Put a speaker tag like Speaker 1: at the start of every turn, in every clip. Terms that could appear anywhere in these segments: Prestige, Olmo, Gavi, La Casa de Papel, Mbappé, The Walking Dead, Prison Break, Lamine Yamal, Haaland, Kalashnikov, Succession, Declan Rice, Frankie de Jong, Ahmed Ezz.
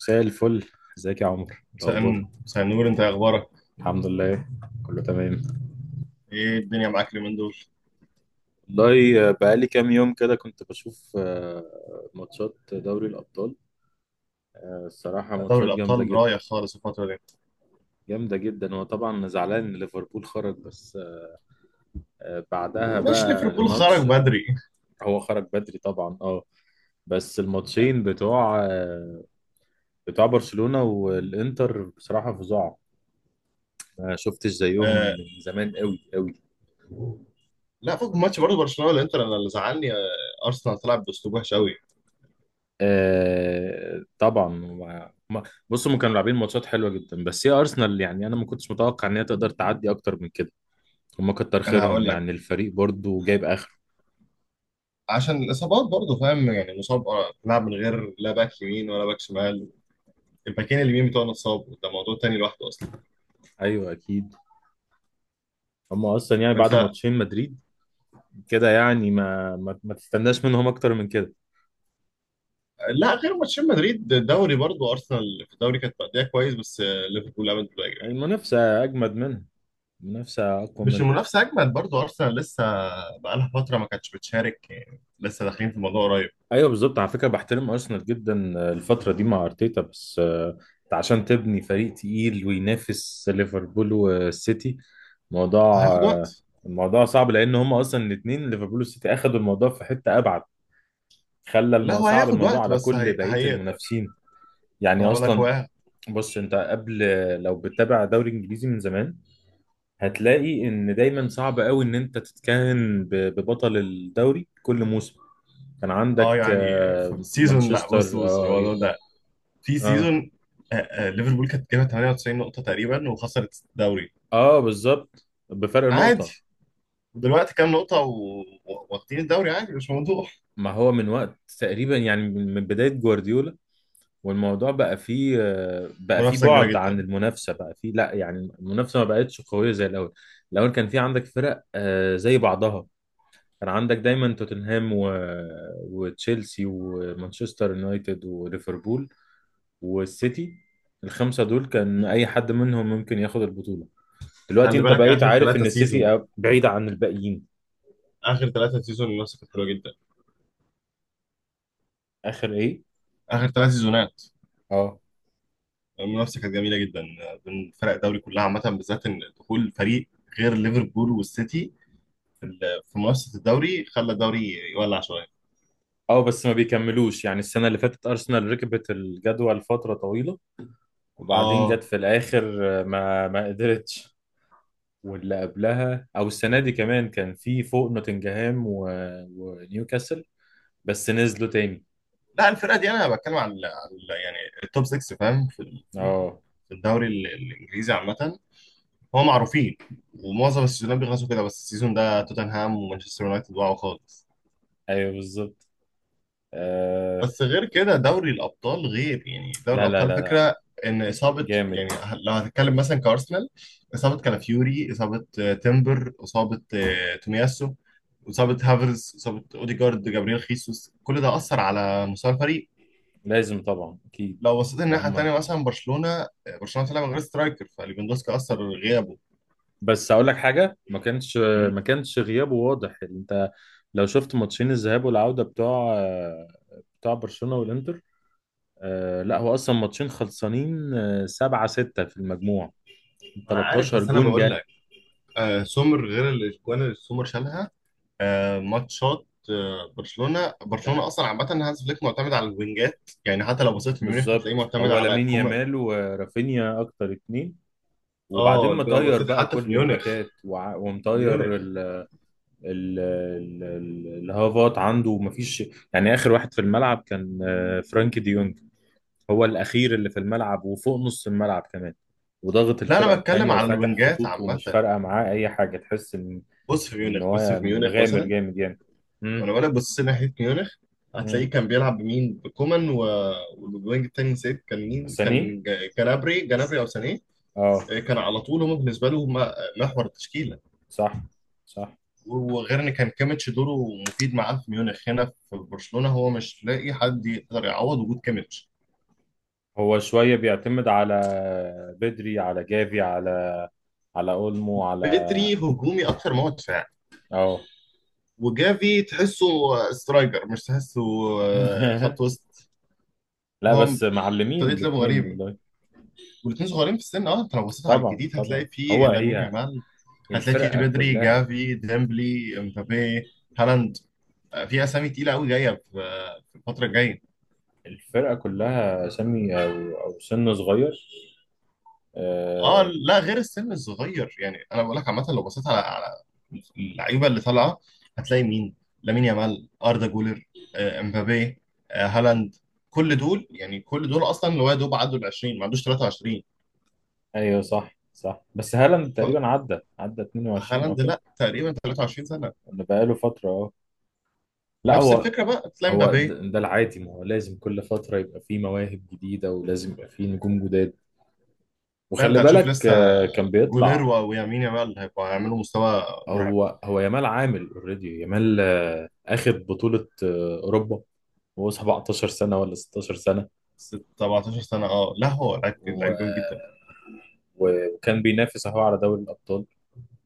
Speaker 1: مساء الفل. ازيك يا عمر؟ إيه الاخبار؟
Speaker 2: سأنور انت إيه اخبارك؟
Speaker 1: الحمد لله، كله تمام.
Speaker 2: ايه الدنيا معاك اليومين دول؟
Speaker 1: والله بقالي كام يوم كده كنت بشوف ماتشات دوري الابطال. الصراحه
Speaker 2: دوري
Speaker 1: ماتشات
Speaker 2: الابطال
Speaker 1: جامده جدا.
Speaker 2: رايح خالص الفتره دي.
Speaker 1: جامده جدا. هو طبعا زعلان ان ليفربول خرج، بس بعدها
Speaker 2: مش
Speaker 1: بقى
Speaker 2: ليفربول خرج
Speaker 1: الماتش.
Speaker 2: بدري؟
Speaker 1: هو خرج بدري طبعا، اه. بس الماتشين بتوع بتوع برشلونه والانتر بصراحه فظاع، ما شفتش زيهم
Speaker 2: آه،
Speaker 1: من زمان قوي قوي.
Speaker 2: لا، فوق ماتش برضه برشلونه والانتر، انا اللي زعلني ارسنال تلعب باسلوب وحش قوي.
Speaker 1: آه طبعا بصوا، هم كانوا لاعبين ماتشات حلوه جدا، بس هي ارسنال يعني انا ما كنتش متوقع ان هي تقدر تعدي اكتر من كده. هم كتر
Speaker 2: انا
Speaker 1: خيرهم،
Speaker 2: هقول لك،
Speaker 1: يعني الفريق برضو جايب اخر.
Speaker 2: عشان الاصابات برضه، فاهم يعني؟ مصاب، تلعب من غير لا باك يمين ولا باك شمال. الباكين اليمين بتوعنا اتصابوا، ده موضوع تاني لوحده اصلا.
Speaker 1: ايوه اكيد. هم اصلا يعني بعد
Speaker 2: انت.
Speaker 1: ماتشين مدريد كده، يعني ما تستناش منهم اكتر من كده.
Speaker 2: لا، غير ماتشين مدريد، دوري برضه ارسنال في الدوري كانت مأدية كويس، بس ليفربول عملت.
Speaker 1: المنافسه اجمد منها، المنافسه اقوى
Speaker 2: مش
Speaker 1: منها.
Speaker 2: المنافسة أجمل؟ برضو أرسنال لسه بقالها فترة ما كانتش بتشارك، يعني لسه داخلين في الموضوع قريب.
Speaker 1: ايوه بالظبط، على فكره بحترم ارسنال جدا الفتره دي مع ارتيتا، بس انت عشان تبني فريق تقيل وينافس ليفربول والسيتي موضوع.
Speaker 2: هياخد
Speaker 1: آه،
Speaker 2: وقت.
Speaker 1: الموضوع صعب لان هم اصلا الاثنين ليفربول والسيتي اخذوا الموضوع في حته ابعد.
Speaker 2: لا، هو
Speaker 1: صعب
Speaker 2: هياخد
Speaker 1: الموضوع
Speaker 2: وقت،
Speaker 1: على
Speaker 2: بس
Speaker 1: كل بقيه
Speaker 2: هيقدر.
Speaker 1: المنافسين.
Speaker 2: ما
Speaker 1: يعني
Speaker 2: أنا بقول لك هو
Speaker 1: اصلا بص، انت قبل لو بتتابع دوري انجليزي من زمان هتلاقي ان دايما صعب قوي ان انت تتكهن ببطل الدوري كل موسم. كان
Speaker 2: اه
Speaker 1: عندك
Speaker 2: يعني، في سيزون، لا،
Speaker 1: مانشستر
Speaker 2: بص بص الموضوع ده. في
Speaker 1: اه.
Speaker 2: سيزون، ليفربول كانت جايبه 98 نقطة تقريبا وخسرت الدوري.
Speaker 1: اه بالظبط بفرق نقطة.
Speaker 2: عادي. ودلوقتي كام نقطة واخدين الدوري، عادي مش موضوع.
Speaker 1: ما هو من وقت تقريبا، يعني من بداية جوارديولا والموضوع بقى فيه بقى فيه
Speaker 2: منافسة كبيرة
Speaker 1: بعد عن
Speaker 2: جدا.
Speaker 1: المنافسة، بقى فيه لا، يعني المنافسة ما بقتش قوية زي الأول. الأول كان في عندك فرق زي بعضها، كان عندك دايما توتنهام وتشيلسي ومانشستر يونايتد وليفربول والسيتي. الخمسة دول كان أي حد منهم ممكن ياخد البطولة. دلوقتي
Speaker 2: خلي
Speaker 1: أنت
Speaker 2: بالك،
Speaker 1: بقيت
Speaker 2: آخر
Speaker 1: عارف
Speaker 2: ثلاثة
Speaker 1: إن
Speaker 2: سيزون،
Speaker 1: السيتي بعيدة عن الباقيين.
Speaker 2: آخر ثلاثة سيزون المنافسة كانت حلوة جدا.
Speaker 1: آخر إيه؟
Speaker 2: آخر ثلاث سيزونات
Speaker 1: اه.
Speaker 2: المنافسه كانت جميله جدا بين فرق الدوري كلها عامه، بالذات ان دخول فريق غير ليفربول والسيتي في منافسه الدوري خلى الدوري يولع شويه.
Speaker 1: اه بس ما بيكملوش، يعني السنة اللي فاتت أرسنال ركبت الجدول فترة طويلة وبعدين
Speaker 2: اه،
Speaker 1: جت في الآخر ما قدرتش. واللي قبلها أو السنة دي كمان كان في فوق نوتنجهام ونيوكاسل، بس نزلوا تاني.
Speaker 2: لا الفرقه دي انا بتكلم عن يعني التوب 6، فاهم؟
Speaker 1: اه.
Speaker 2: في الدوري الانجليزي عامه. هو معروفين، ومعظم السيزونات بيخلصوا كده، بس السيزون ده توتنهام ومانشستر يونايتد وقعوا خالص.
Speaker 1: أيوه بالظبط. آه.
Speaker 2: بس غير كده، دوري الابطال غير يعني، دوري
Speaker 1: لا لا
Speaker 2: الابطال
Speaker 1: لا لا،
Speaker 2: فكره. ان اصابه
Speaker 1: جامد.
Speaker 2: يعني، لو هتتكلم مثلا كارسنال، اصابه كالافيوري، اصابه تيمبر، اصابه تومياسو، اصابه هافرز، اصابه اوديجارد، جابرييل، خيسوس، كل ده اثر على مستوى الفريق.
Speaker 1: لازم طبعا، أكيد.
Speaker 2: لو بصيت الناحيه
Speaker 1: وهم.
Speaker 2: التانيه مثلا برشلونه، برشلونه طلع من غير سترايكر، فليفاندوسكي اثر غيابه.
Speaker 1: بس أقول لك حاجة، ما كانش.
Speaker 2: مم.
Speaker 1: ما كانش غيابه واضح. أنت لو شفت ماتشين الذهاب والعودة بتوع بتوع برشلونة والإنتر. آه لا هو اصلا ماتشين خلصانين سبعة ستة في المجموع،
Speaker 2: انا عارف،
Speaker 1: 13
Speaker 2: بس انا
Speaker 1: جون
Speaker 2: بقول
Speaker 1: جه.
Speaker 2: لك، سومر، غير الاجوان اللي سومر شالها. ماتشات برشلونه اصلا عامه هانز فليك معتمد على الوينجات، يعني حتى لو بصيت في ميونخ
Speaker 1: بالظبط،
Speaker 2: هتلاقيه معتمد
Speaker 1: هو
Speaker 2: على
Speaker 1: لامين
Speaker 2: كومان.
Speaker 1: يامال ورافينيا اكتر اتنين، وبعدين
Speaker 2: اه، لو
Speaker 1: مطير
Speaker 2: بصيت
Speaker 1: بقى
Speaker 2: حتى في
Speaker 1: كل
Speaker 2: ميونخ
Speaker 1: الباكات ومطير
Speaker 2: ميونخ
Speaker 1: الهافات عنده، ومفيش يعني اخر واحد في الملعب كان فرانكي ديونج. هو الاخير اللي في الملعب، وفوق نص الملعب كمان، وضغط
Speaker 2: لا،
Speaker 1: الفرقه
Speaker 2: انا
Speaker 1: التانيه
Speaker 2: بتكلم على
Speaker 1: وفاتح
Speaker 2: الوينجات
Speaker 1: خطوط، ومش
Speaker 2: عامه.
Speaker 1: فارقه معاه اي حاجه، تحس ان
Speaker 2: بص في ميونخ، بص
Speaker 1: هو
Speaker 2: في ميونخ
Speaker 1: مغامر
Speaker 2: مثلا،
Speaker 1: جامد يعني.
Speaker 2: وانا بصيت ناحيه ميونخ،
Speaker 1: مم.
Speaker 2: هتلاقيه كان بيلعب بمين، بكومان والوينج التاني نسيت كان مين،
Speaker 1: ساني.
Speaker 2: كان جنابري او سانيه.
Speaker 1: اه
Speaker 2: كان على طول هم بالنسبه له محور التشكيله.
Speaker 1: صح صح.
Speaker 2: وغير ان كان كيميتش دوره مفيد معاه في ميونخ، هنا في برشلونه هو مش لاقي حد يقدر يعوض وجود كيميتش.
Speaker 1: هو شوية بيعتمد على بدري، على جافي، على اولمو، على
Speaker 2: بيتري هجومي اكتر ما هو دفاعي،
Speaker 1: اه.
Speaker 2: وجافي تحسه سترايكر، مش تحسه خط وسط.
Speaker 1: لا
Speaker 2: هو
Speaker 1: بس معلمين
Speaker 2: طريقه لعبه
Speaker 1: الاتنين
Speaker 2: غريبه،
Speaker 1: والله.
Speaker 2: والاثنين صغيرين في السن. اه، انت لو بصيت على
Speaker 1: طبعا
Speaker 2: الجديد
Speaker 1: طبعا.
Speaker 2: هتلاقي
Speaker 1: هو
Speaker 2: فيه لامين
Speaker 1: هي
Speaker 2: يامال، هتلاقي فيه
Speaker 1: الفرقة
Speaker 2: بدري،
Speaker 1: كلها.
Speaker 2: جافي، ديمبلي، امبابي، هالاند. في اسامي تقيله قوي جايه في الفتره الجايه.
Speaker 1: الفرقة كلها سمي او او سن صغير.
Speaker 2: اه،
Speaker 1: آه.
Speaker 2: لا غير السن الصغير، يعني انا بقول لك عامه، لو بصيت على اللعيبه اللي طالعه، هتلاقي مين؟ لامين يامال، اردا جولر، امبابي، هالاند. كل دول يعني، كل دول اصلا اللي هو يا دوب عدوا ال 20، ما عندوش 23.
Speaker 1: ايوه صح صح، بس هالاند تقريبا عدى عدى 22 او
Speaker 2: فهالاند
Speaker 1: كده.
Speaker 2: لا، تقريبا 23 سنه.
Speaker 1: اللي بقاله فترة اه. لا
Speaker 2: نفس
Speaker 1: هو.
Speaker 2: الفكره بقى، تلاقي
Speaker 1: هو ده
Speaker 2: امبابي.
Speaker 1: ده العادي، ما هو لازم كل فترة يبقى فيه مواهب جديدة، ولازم يبقى فيه نجوم جداد.
Speaker 2: لا،
Speaker 1: وخلي
Speaker 2: انت هتشوف
Speaker 1: بالك
Speaker 2: لسه
Speaker 1: كان
Speaker 2: جولير
Speaker 1: بيطلع.
Speaker 2: ويمين يامال هيبقوا هيعملوا مستوى مرعب.
Speaker 1: هو يامال عامل اوريدي، يامال اخد بطولة أوروبا وهو 17 سنة ولا 16 سنة،
Speaker 2: 17 سنه، اه لا هو لعيب،
Speaker 1: و...
Speaker 2: جامد جدا.
Speaker 1: وكان بينافس اهو على دوري الأبطال.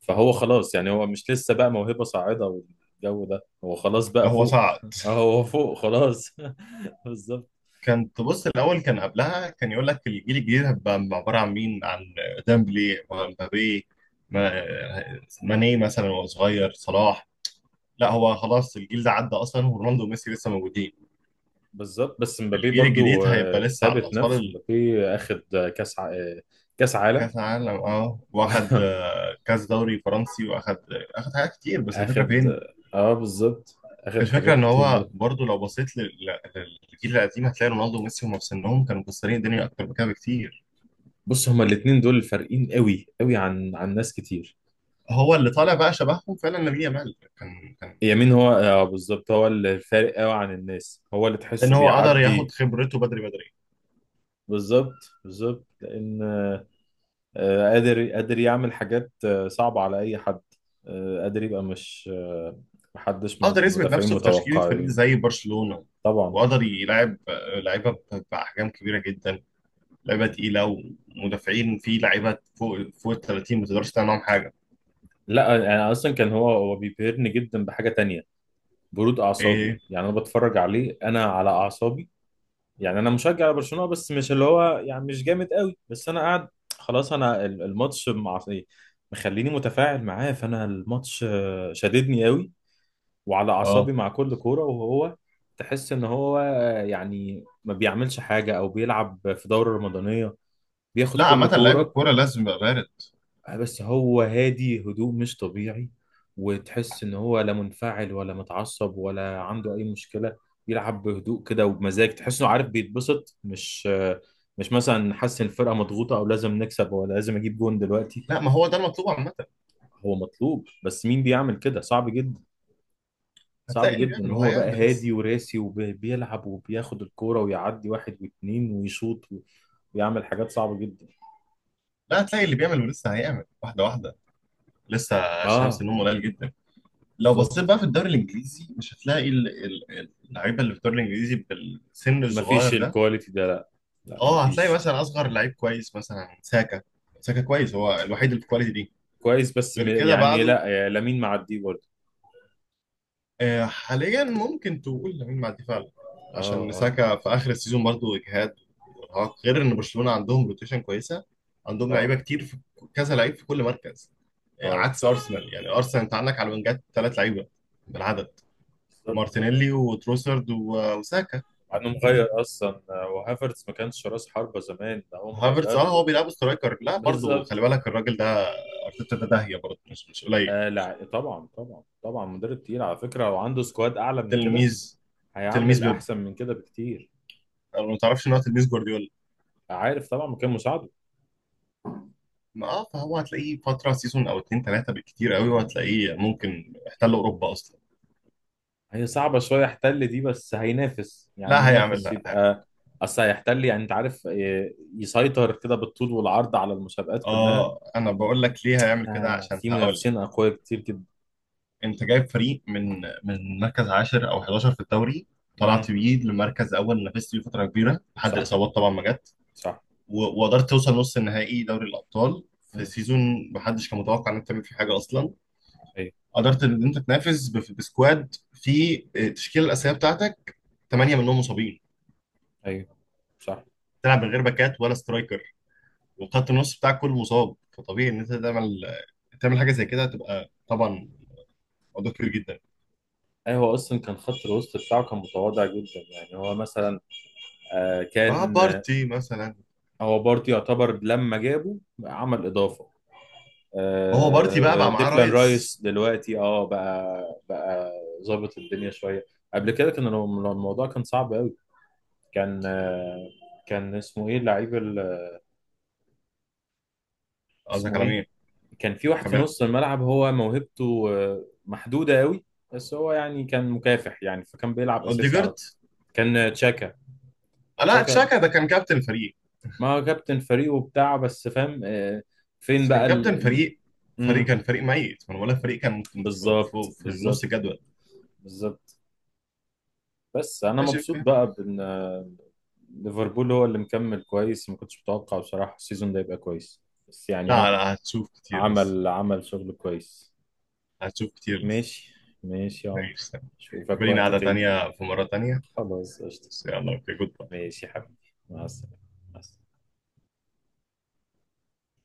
Speaker 1: فهو خلاص، يعني هو مش لسه بقى موهبة صاعدة والجو ده، هو خلاص بقى
Speaker 2: لا، هو
Speaker 1: فوق.
Speaker 2: صعد.
Speaker 1: هو فوق خلاص. بالظبط
Speaker 2: كانت، بص الاول كان قبلها كان يقول لك الجيل الجديد هيبقى عباره عن مين؟ عن ديمبلي ومبابي، ماني مثلا، وهو صغير صلاح. لا، هو خلاص الجيل ده عدى اصلا، ورونالدو وميسي لسه موجودين.
Speaker 1: بالظبط. بس مبابي
Speaker 2: الجيل الجديد
Speaker 1: برضو
Speaker 2: هيبقى لسه على
Speaker 1: ثابت نفسه،
Speaker 2: الاطفال.
Speaker 1: مبابي اخد كاس ع... آه، كاس عالم.
Speaker 2: كاس عالم، اه، واخد كاس دوري فرنسي، واخد، اخد حاجات كتير، بس الفكره
Speaker 1: اخد.
Speaker 2: فين؟
Speaker 1: اه بالظبط، اخد
Speaker 2: الفكره
Speaker 1: حاجات
Speaker 2: ان
Speaker 1: كتير
Speaker 2: هو
Speaker 1: برضو.
Speaker 2: برضو لو بصيت للجيل القديم، هتلاقي رونالدو وميسي هم في سنهم كانوا مكسرين الدنيا اكتر من كده بكتير.
Speaker 1: بص، هما الاتنين دول فارقين قوي قوي عن ناس كتير.
Speaker 2: هو اللي طالع بقى شبههم فعلا لامين يامال، كان
Speaker 1: يمين، هو اه بالظبط هو اللي فارق قوي عن الناس، هو اللي تحسه
Speaker 2: ان هو قدر ياخد
Speaker 1: بيعدي.
Speaker 2: خبرته بدري بدري،
Speaker 1: بالظبط بالظبط لان قادر يعمل حاجات صعبة على اي حد. قادر يبقى مش محدش من
Speaker 2: قدر يثبت
Speaker 1: المدافعين
Speaker 2: نفسه في تشكيله فريق
Speaker 1: متوقع.
Speaker 2: زي برشلونه،
Speaker 1: طبعا.
Speaker 2: وقدر يلعب لعيبه باحجام كبيره جدا، لعيبه تقيله، ومدافعين، في لعيبه فوق ال 30 ما تقدرش تعمل معاهم حاجه.
Speaker 1: لا يعني اصلا كان هو بيبهرني جدا بحاجه تانية، برود اعصابه
Speaker 2: ايه؟
Speaker 1: يعني. انا بتفرج عليه انا على اعصابي، يعني انا مشجع لبرشلونه بس مش اللي هو، يعني مش جامد قوي، بس انا قاعد خلاص. انا الماتش مع إيه؟ مخليني متفاعل معاه، فانا الماتش شددني قوي وعلى
Speaker 2: اه،
Speaker 1: اعصابي مع كل كوره. وهو تحس ان هو يعني ما بيعملش حاجه او بيلعب في دوره رمضانيه، بياخد
Speaker 2: لا
Speaker 1: كل
Speaker 2: عامه لعيب
Speaker 1: كوره.
Speaker 2: الكوره لازم يبقى بارد.
Speaker 1: بس هو هادي، هدوء مش طبيعي. وتحس ان هو لا منفعل ولا متعصب ولا عنده اي مشكلة، بيلعب بهدوء كده وبمزاج، تحسه عارف بيتبسط، مش مثلا حاسس ان الفرقة مضغوطة او لازم نكسب ولا لازم اجيب جون دلوقتي.
Speaker 2: لا، ما هو ده المطلوب عامه.
Speaker 1: هو مطلوب بس مين بيعمل كده؟ صعب جدا. صعب
Speaker 2: هتلاقي اللي
Speaker 1: جدا.
Speaker 2: بيعمل
Speaker 1: هو بقى
Speaker 2: وهيعمل لسه.
Speaker 1: هادي وراسي وبيلعب وبياخد الكورة ويعدي واحد واتنين ويشوط ويعمل حاجات صعبة جدا.
Speaker 2: لا، هتلاقي اللي بيعمل ولسه هيعمل، واحده واحده. لسه شمس
Speaker 1: اه
Speaker 2: النوم قليل جدا. لو
Speaker 1: بالظبط،
Speaker 2: بصيت بقى في الدوري الانجليزي مش هتلاقي اللعيبه اللي في الدوري الانجليزي بالسن
Speaker 1: مفيش
Speaker 2: الصغير ده.
Speaker 1: الكواليتي ده، لا. لا
Speaker 2: اه، هتلاقي
Speaker 1: مفيش.
Speaker 2: مثلا اصغر لعيب كويس مثلا ساكا. ساكا كويس، هو الوحيد اللي في الكواليتي دي.
Speaker 1: كويس بس م-
Speaker 2: غير كده
Speaker 1: يعني
Speaker 2: بعده،
Speaker 1: لا، لامين معديه برضه.
Speaker 2: حاليا ممكن تقول لامين معدي فعلا،
Speaker 1: اه.
Speaker 2: عشان
Speaker 1: اه.
Speaker 2: ساكا في اخر السيزون برضه اجهاد وارهاق، غير ان برشلونه عندهم روتيشن كويسه، عندهم
Speaker 1: اه.
Speaker 2: لعيبه كتير في كذا لعيب في كل مركز،
Speaker 1: اه
Speaker 2: عكس ارسنال. يعني ارسنال، انت عندك على الوينجات ثلاث لعيبه بالعدد،
Speaker 1: بالظبط.
Speaker 2: مارتينيلي وتروسرد وساكا.
Speaker 1: انا مغير اصلا وهافرتز ما كانش راس حربة زمان، ده هو
Speaker 2: هافرتز،
Speaker 1: مغير
Speaker 2: اه
Speaker 1: له
Speaker 2: هو بيلعب سترايكر. لا برضه
Speaker 1: بالظبط.
Speaker 2: خلي بالك الراجل ده، ارتيتا ده داهيه برضه، مش قليل.
Speaker 1: آه لا طبعا طبعا طبعا، مدرب تقيل على فكرة، لو عنده سكواد اعلى من كده
Speaker 2: تلميذ.
Speaker 1: هيعمل
Speaker 2: تلميذ بيب.
Speaker 1: احسن من كده بكتير.
Speaker 2: انا ما تعرفش ان هو تلميذ جوارديولا؟
Speaker 1: عارف طبعا مكان مساعده.
Speaker 2: ما اه، فهو هتلاقيه فتره سيزون او اتنين تلاته بالكتير قوي، وهتلاقيه ممكن احتل اوروبا اصلا.
Speaker 1: هي صعبة شوية يحتل دي، بس هينافس، يعني
Speaker 2: لا هيعمل،
Speaker 1: ينافس
Speaker 2: لا هيعمل.
Speaker 1: يبقى. اصل هيحتل، يعني انت عارف يسيطر كده بالطول والعرض على المسابقات كلها.
Speaker 2: اه، انا بقول لك ليه هيعمل كده،
Speaker 1: آه
Speaker 2: عشان
Speaker 1: في
Speaker 2: هقول
Speaker 1: منافسين
Speaker 2: لك،
Speaker 1: أقوياء كتير جدا.
Speaker 2: انت جايب فريق من مركز عاشر او 11 في الدوري،
Speaker 1: امم.
Speaker 2: طلعت بيه لمركز اول، نافست بيه فتره كبيره لحد
Speaker 1: صح
Speaker 2: الاصابات طبعا ما جت،
Speaker 1: صح.
Speaker 2: وقدرت توصل نص النهائي دوري الابطال، في
Speaker 1: مم.
Speaker 2: سيزون محدش كان متوقع انك تعمل فيه حاجه اصلا.
Speaker 1: ايوه.
Speaker 2: قدرت ان انت تنافس بسكواد في التشكيله الاساسيه بتاعتك ثمانيه منهم مصابين،
Speaker 1: ايوه صح.
Speaker 2: تلعب من غير باكات ولا سترايكر، وخط النص بتاعك كله مصاب. فطبيعي ان انت تعمل حاجه زي كده، هتبقى طبعا موضوع كبير جدا.
Speaker 1: أي هو أصلا كان خط الوسط بتاعه كان متواضع جدا، يعني هو مثلا آه
Speaker 2: مع
Speaker 1: كان آه،
Speaker 2: بارتي مثلا.
Speaker 1: هو برضه يعتبر لما جابه عمل إضافة.
Speaker 2: ما هو بارتي بقى
Speaker 1: آه
Speaker 2: بقى معاه
Speaker 1: ديكلان
Speaker 2: رايس.
Speaker 1: رايس دلوقتي اه بقى، بقى ظابط الدنيا شوية. قبل كده كان الموضوع كان صعب أوي. كان آه، كان اسمه إيه اللعيب،
Speaker 2: قصدك
Speaker 1: اسمه
Speaker 2: على
Speaker 1: ايه؟
Speaker 2: مين؟
Speaker 1: كان في واحد في
Speaker 2: كمان.
Speaker 1: نص الملعب هو موهبته محدودة قوي، بس هو يعني كان مكافح يعني، فكان بيلعب اساسي على
Speaker 2: اوديجارد.
Speaker 1: طول. كان تشاكا.
Speaker 2: لا،
Speaker 1: تشاكا.
Speaker 2: تشاكا ده كان كابتن الفريق.
Speaker 1: ما هو كابتن فريقه بتاع، بس فاهم فين
Speaker 2: بس كان
Speaker 1: بقى
Speaker 2: كابتن فريق، فريق
Speaker 1: مم،
Speaker 2: كان فريق ميت، ما انا بقول لك فريق كان ممكن
Speaker 1: بالظبط
Speaker 2: في نص
Speaker 1: بالظبط
Speaker 2: الجدول.
Speaker 1: بالظبط. بس انا
Speaker 2: ماشي،
Speaker 1: مبسوط
Speaker 2: اوكي.
Speaker 1: بقى بان ليفربول هو اللي مكمل كويس، ما كنتش متوقع بصراحة السيزون ده يبقى كويس. بس يعني
Speaker 2: لا
Speaker 1: هو
Speaker 2: لا، هتشوف كتير لسه،
Speaker 1: عمل شغل كويس.
Speaker 2: هتشوف كتير لسه.
Speaker 1: ماشي. ماشي يا عمر،
Speaker 2: ماشي، يبقى
Speaker 1: اشوفك
Speaker 2: لينا
Speaker 1: وقت
Speaker 2: قعدة
Speaker 1: تاني.
Speaker 2: تانية في مرة تانية،
Speaker 1: خلاص قشطة.
Speaker 2: بس يلا، اوكي، جود باي.
Speaker 1: ماشي يا حبيبي مع السلامة. مع السلامة.